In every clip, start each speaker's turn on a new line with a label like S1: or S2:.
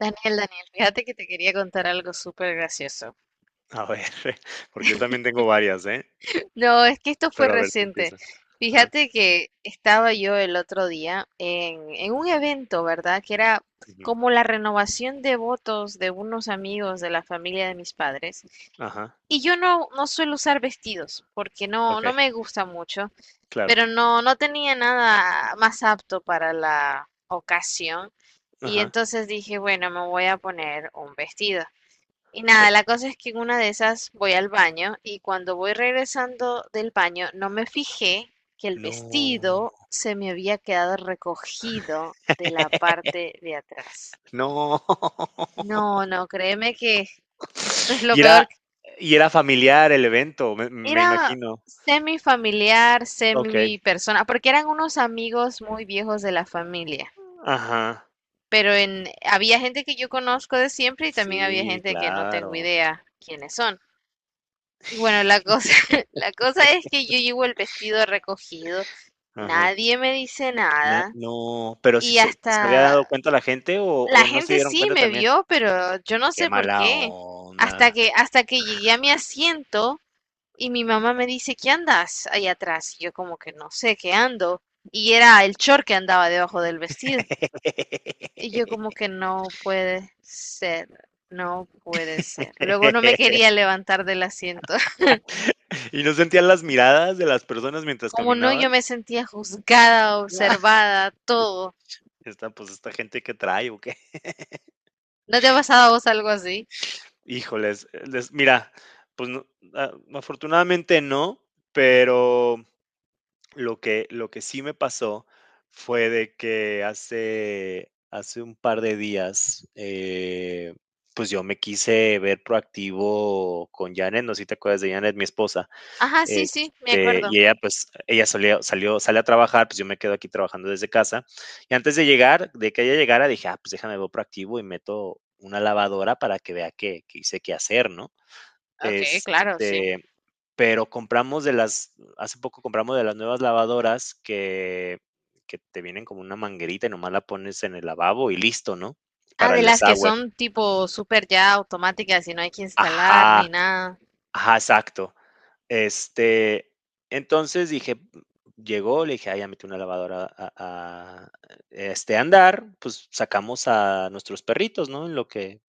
S1: Daniel, Daniel, fíjate que te quería contar algo súper gracioso.
S2: A ver, porque yo también tengo varias, ¿eh?
S1: No, es que esto fue
S2: Pero a ver, tú
S1: reciente.
S2: empieza. Ajá,
S1: Fíjate que estaba yo el otro día en un evento, ¿verdad? Que era
S2: ujú,
S1: como la renovación de votos de unos amigos de la familia de mis padres.
S2: ajá,
S1: Y yo no suelo usar vestidos porque no,
S2: okey,
S1: no me gusta mucho,
S2: claro,
S1: pero no tenía nada más apto para la ocasión. Y
S2: ajá,
S1: entonces dije, bueno, me voy a poner un vestido. Y
S2: sí.
S1: nada, la cosa es que en una de esas voy al baño y cuando voy regresando del baño no me fijé que el
S2: No.
S1: vestido se me había quedado recogido de la parte de atrás.
S2: No.
S1: No, no, créeme que esto es lo
S2: Y
S1: peor.
S2: era y era familiar el evento, me
S1: Era
S2: imagino.
S1: semi familiar,
S2: Okey,
S1: semi persona, porque eran unos amigos muy viejos de la familia.
S2: ajá,
S1: Pero en, había gente que yo conozco de siempre y también había
S2: sí,
S1: gente que no tengo
S2: claro.
S1: idea quiénes son. Y bueno, la cosa, la cosa es que yo llevo el vestido recogido,
S2: Ajá,
S1: nadie me dice
S2: na
S1: nada
S2: no, pero, si
S1: y
S2: se había dado
S1: hasta
S2: cuenta la gente
S1: la
S2: o no se
S1: gente
S2: dieron
S1: sí
S2: cuenta
S1: me
S2: también?
S1: vio, pero yo no
S2: Qué
S1: sé por
S2: mala
S1: qué. Hasta
S2: onda.
S1: que, hasta que llegué a mi asiento y mi mamá me dice, ¿qué andas ahí atrás? Y yo como que no sé qué ando. Y era el short que andaba debajo del vestido. Y yo como que no puede ser, no puede ser. Luego no me quería levantar del asiento.
S2: ¿Y no sentías las miradas de las personas mientras
S1: Como no, yo
S2: caminabas?
S1: me sentía juzgada,
S2: Ah,
S1: observada, todo.
S2: esta, pues, esta gente que trae o qué.
S1: ¿No te ha pasado a vos algo así?
S2: Híjoles, mira, pues no, afortunadamente no, pero lo que sí me pasó fue de que hace un par de días, pues yo me quise ver proactivo con Janet, no sé si te acuerdas de Janet, mi esposa.
S1: Ajá, sí, sí, me acuerdo.
S2: Y ella, pues, ella salió, sale a trabajar, pues yo me quedo aquí trabajando desde casa. Y antes de llegar, de que ella llegara, dije, ah, pues déjame, veo proactivo y meto una lavadora para que vea que hice qué hacer, ¿no?
S1: Ok, claro, sí.
S2: Este, pero hace poco compramos de las nuevas lavadoras que te vienen como una manguerita y nomás la pones en el lavabo y listo, ¿no?
S1: Ah,
S2: Para
S1: de
S2: el
S1: las que
S2: desagüe.
S1: son tipo súper ya automáticas y no hay que instalar
S2: Ajá,
S1: ni nada.
S2: ajá, exacto. Este, entonces dije, llegó, le dije, ah, ya metí una lavadora a andar, pues sacamos a nuestros perritos, ¿no?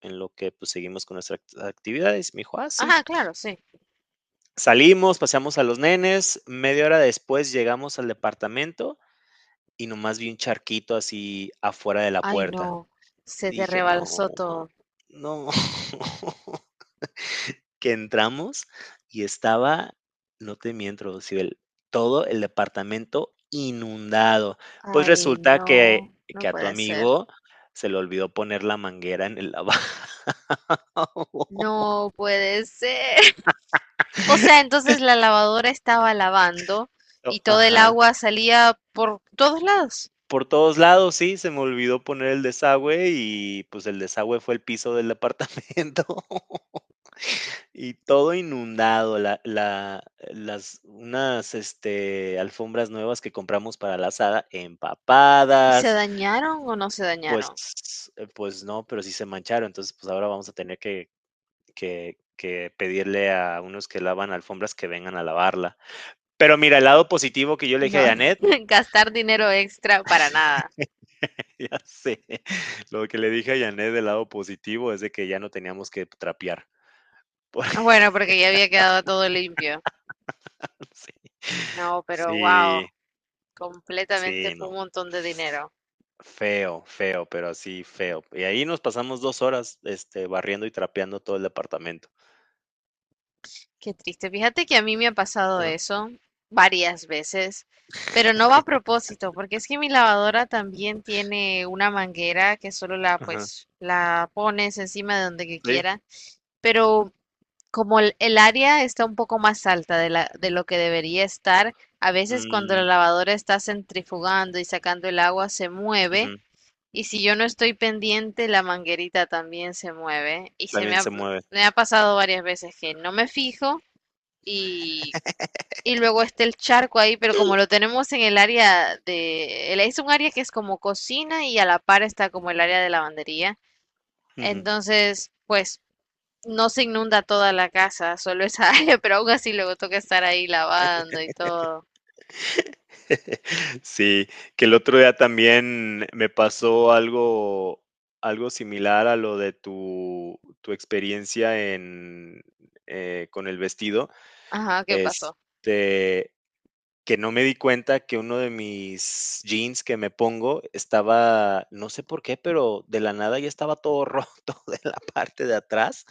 S2: En lo que pues seguimos con nuestras actividades. Me dijo, ah, sí.
S1: Ajá, claro, sí.
S2: Salimos, paseamos a los nenes, media hora después llegamos al departamento y nomás vi un charquito así afuera de la
S1: Ay,
S2: puerta.
S1: no, se
S2: Y
S1: te
S2: dije, no,
S1: rebalsó todo.
S2: no. Que entramos y estaba, no te miento, Rocibel, todo el departamento inundado. Pues
S1: Ay,
S2: resulta que
S1: no, no
S2: a tu
S1: puede ser.
S2: amigo se le olvidó poner la manguera en el lavabo.
S1: No puede ser. O sea, entonces la lavadora estaba lavando y
S2: Oh,
S1: todo el
S2: ajá.
S1: agua salía por todos lados.
S2: Por todos lados, sí, se me olvidó poner el desagüe y, pues, el desagüe fue el piso del departamento. Y todo inundado, la las unas, alfombras nuevas que compramos para la asada
S1: ¿Y se
S2: empapadas,
S1: dañaron o no se
S2: pues
S1: dañaron?
S2: pues no, pero sí se mancharon. Entonces, pues ahora vamos a tener que pedirle a unos que lavan alfombras que vengan a lavarla. Pero mira, el lado positivo que yo le
S1: No,
S2: dije a Janet,
S1: gastar dinero extra para nada.
S2: ya sé, lo que le dije a Janet del lado positivo es de que ya no teníamos que trapear. Porque
S1: Ah, bueno, porque ya había quedado todo limpio.
S2: sí.
S1: No, pero wow,
S2: Sí,
S1: completamente
S2: sí,
S1: fue
S2: no.
S1: un montón de dinero.
S2: Feo, feo, pero así feo. Y ahí nos pasamos 2 horas, barriendo y trapeando todo el departamento.
S1: Qué triste. Fíjate que a mí me ha pasado
S2: Ajá,
S1: eso varias veces, pero no va a propósito, porque es que mi lavadora también tiene una manguera que solo la
S2: ajá,
S1: pues la pones encima de donde que
S2: sí,
S1: quiera, pero como el área está un poco más alta de la, de lo que debería estar, a veces cuando la
S2: mm,
S1: lavadora está centrifugando y sacando el agua se mueve
S2: ujú,
S1: y si yo no estoy pendiente la manguerita también se mueve y
S2: también se mueve.
S1: me ha pasado varias veces que no me fijo y, y luego está el charco ahí, pero como lo tenemos en el área de, el- es un área que es como cocina y a la par está como el área de lavandería,
S2: Ujú.
S1: entonces pues no se inunda toda la casa, solo esa área, pero aún así luego toca estar ahí lavando y todo.
S2: Sí, que el otro día también me pasó algo similar a lo de tu experiencia en, con el vestido.
S1: Ajá, ¿qué pasó?
S2: Este, que no me di cuenta que uno de mis jeans que me pongo estaba, no sé por qué, pero de la nada ya estaba todo roto de la parte de atrás.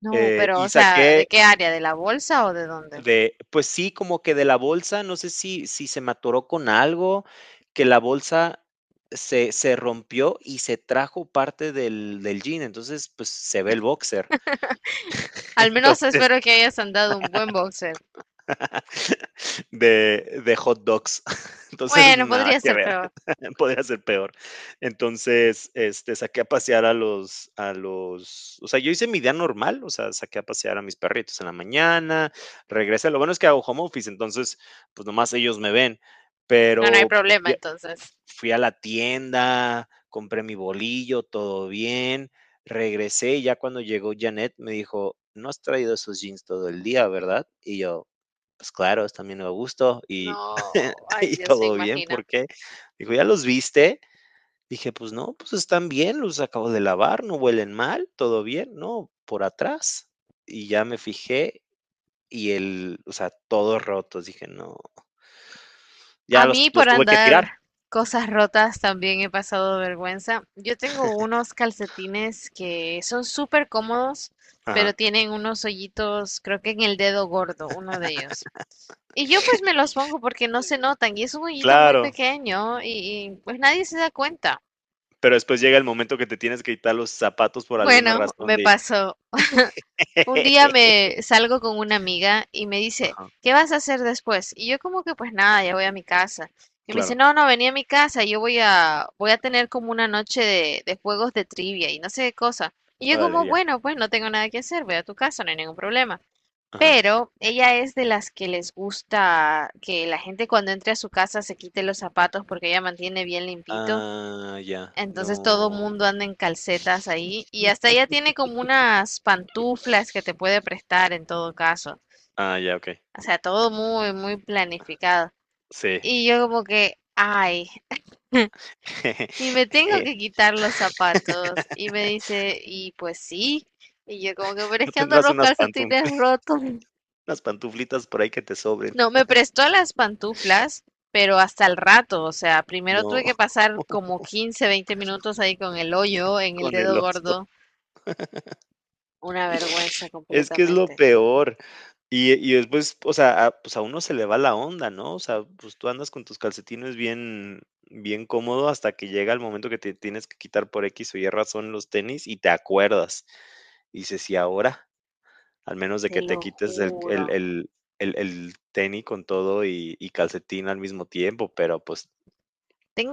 S1: No, pero, o
S2: Y
S1: sea, ¿de
S2: saqué
S1: qué área? ¿De la bolsa o de dónde?
S2: de, pues sí, como que de la bolsa, no sé si se me atoró con algo, que la bolsa se rompió y se trajo parte del, del jean. Entonces, pues se ve el boxer.
S1: Al menos
S2: Entonces,
S1: espero que hayas andado un buen boxer.
S2: de hot dogs. Entonces,
S1: Bueno,
S2: nada
S1: podría
S2: que
S1: ser
S2: ver.
S1: peor.
S2: Podría ser peor. Entonces, saqué a pasear a los, o sea, yo hice mi día normal, o sea, saqué a pasear a mis perritos en la mañana, regresé. Lo bueno es que hago home office, entonces, pues nomás ellos me ven.
S1: No, no hay
S2: Pero pues,
S1: problema entonces.
S2: fui a la tienda, compré mi bolillo, todo bien. Regresé y ya cuando llegó Janet me dijo, no has traído esos jeans todo el día, ¿verdad? Y yo, pues claro, también bien a gusto y
S1: No, ay
S2: y
S1: Dios, se
S2: todo bien,
S1: imagina.
S2: ¿por qué? Dijo: "¿Ya los viste?". Dije: "Pues no, pues están bien, los acabo de lavar, no huelen mal, todo bien". "No, por atrás". Y ya me fijé y el o sea, todos rotos, dije: "No". Ya
S1: A mí
S2: los
S1: por
S2: tuve que tirar.
S1: andar cosas rotas también he pasado vergüenza. Yo tengo unos calcetines que son súper cómodos, pero
S2: Ajá.
S1: tienen unos hoyitos, creo que en el dedo gordo, uno de ellos. Y yo pues me los pongo porque no se notan y es un hoyito muy
S2: Claro,
S1: pequeño y, pues nadie se da cuenta.
S2: pero después llega el momento que te tienes que quitar los zapatos por alguna
S1: Bueno,
S2: razón
S1: me
S2: de
S1: pasó. Un día me salgo con una amiga y me dice,
S2: Ajá,
S1: ¿qué vas a hacer después? Y yo como que pues nada, ya voy a mi casa. Y me dice,
S2: claro.
S1: no, no, vení a mi casa, yo voy a, voy a tener como una noche de juegos de trivia y no sé qué cosa. Y yo
S2: Órale,
S1: como,
S2: ya.
S1: bueno, pues no tengo nada que hacer, voy a tu casa, no hay ningún problema.
S2: Ajá.
S1: Pero ella es de las que les gusta que la gente cuando entre a su casa se quite los zapatos porque ella mantiene bien limpito.
S2: Ah, ya,
S1: Entonces todo
S2: no.
S1: mundo anda en calcetas ahí y hasta ella tiene como unas pantuflas que te puede prestar en todo caso.
S2: Ah, ya, okey.
S1: O sea, todo muy, muy planificado.
S2: Sí.
S1: Y yo como que, ay, y me tengo
S2: Eh,
S1: que quitar los zapatos. Y me dice, y pues sí. Y yo como que, pero es
S2: ¿no
S1: que ando
S2: tendrás
S1: los
S2: unas pantufli
S1: calcetines rotos.
S2: unas pantuflitas por ahí que te sobren?
S1: No, me prestó las pantuflas, pero hasta el rato. O sea, primero tuve
S2: No,
S1: que pasar como 15, 20 minutos ahí con el hoyo en el
S2: con el
S1: dedo
S2: oso.
S1: gordo. Una vergüenza
S2: Es que es lo
S1: completamente,
S2: peor. Y después, o sea, a pues, a uno se le va la onda, ¿no? O sea, pues, tú andas con tus calcetines bien cómodo hasta que llega el momento que te tienes que quitar por equis o y razón los tenis y te acuerdas. Y dices: "¿Y ahora?". Al menos de
S1: te
S2: que
S1: lo
S2: te quites
S1: juro.
S2: el tenis con todo y calcetín al mismo tiempo, pero, pues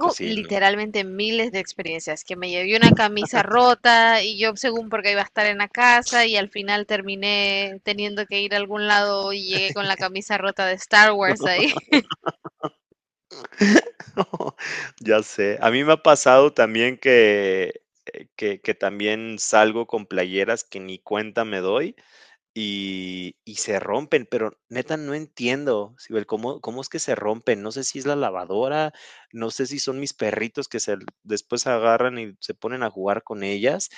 S2: pues sí, no.
S1: literalmente miles de experiencias, que me llevé una camisa rota y yo según porque iba a estar en la casa y al final terminé teniendo que ir a algún lado y llegué con la camisa rota de Star Wars ahí.
S2: Ya sé. A mí me ha pasado también que también salgo con playeras que ni cuenta me doy y se rompen, pero neta no entiendo, Sibel, cómo es que se rompen. No sé si es la lavadora, no sé si son mis perritos que se, después agarran y se ponen a jugar con ellas,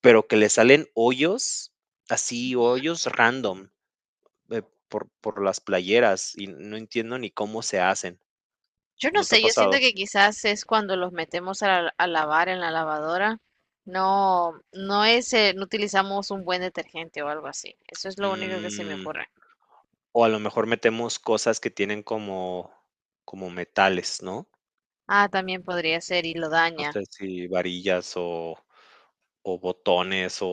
S2: pero que le salen hoyos, así hoyos random, eh, por las playeras y no entiendo ni cómo se hacen.
S1: Yo no
S2: ¿No te ha
S1: sé, yo siento
S2: pasado?
S1: que quizás es cuando los metemos a, la- a lavar en la lavadora. No, no es, no utilizamos un buen detergente o algo así. Eso es lo único que se me
S2: Mm,
S1: ocurre.
S2: o a lo mejor metemos cosas que tienen como metales, ¿no?
S1: Ah, también podría ser y lo
S2: No
S1: daña.
S2: sé si varillas o botones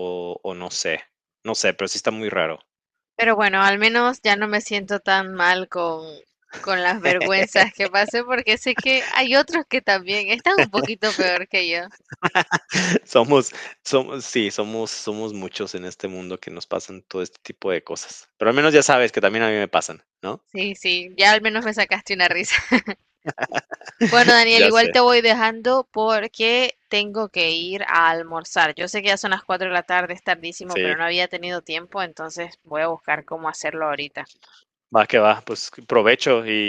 S2: o no sé. No sé, pero sí está muy raro.
S1: Pero bueno, al menos ya no me siento tan mal con las vergüenzas que pasé porque sé que hay otros que también están un poquito peor que yo.
S2: Somos Somos sí, somos muchos en este mundo que nos pasan todo este tipo de cosas. Pero al menos ya sabes que también a mí me pasan, ¿no?
S1: Sí, sí, ya al menos me sacaste una risa. Bueno, Daniel,
S2: Ya sé,
S1: igual te voy dejando porque tengo que ir a almorzar. Yo sé que ya son las 4 de la tarde, es tardísimo,
S2: sí.
S1: pero no había tenido tiempo, entonces voy a buscar cómo hacerlo ahorita.
S2: Va que va, pues provecho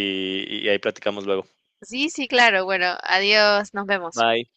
S2: y ahí platicamos luego.
S1: Sí, sí, claro. Bueno, adiós, nos vemos.
S2: Bye.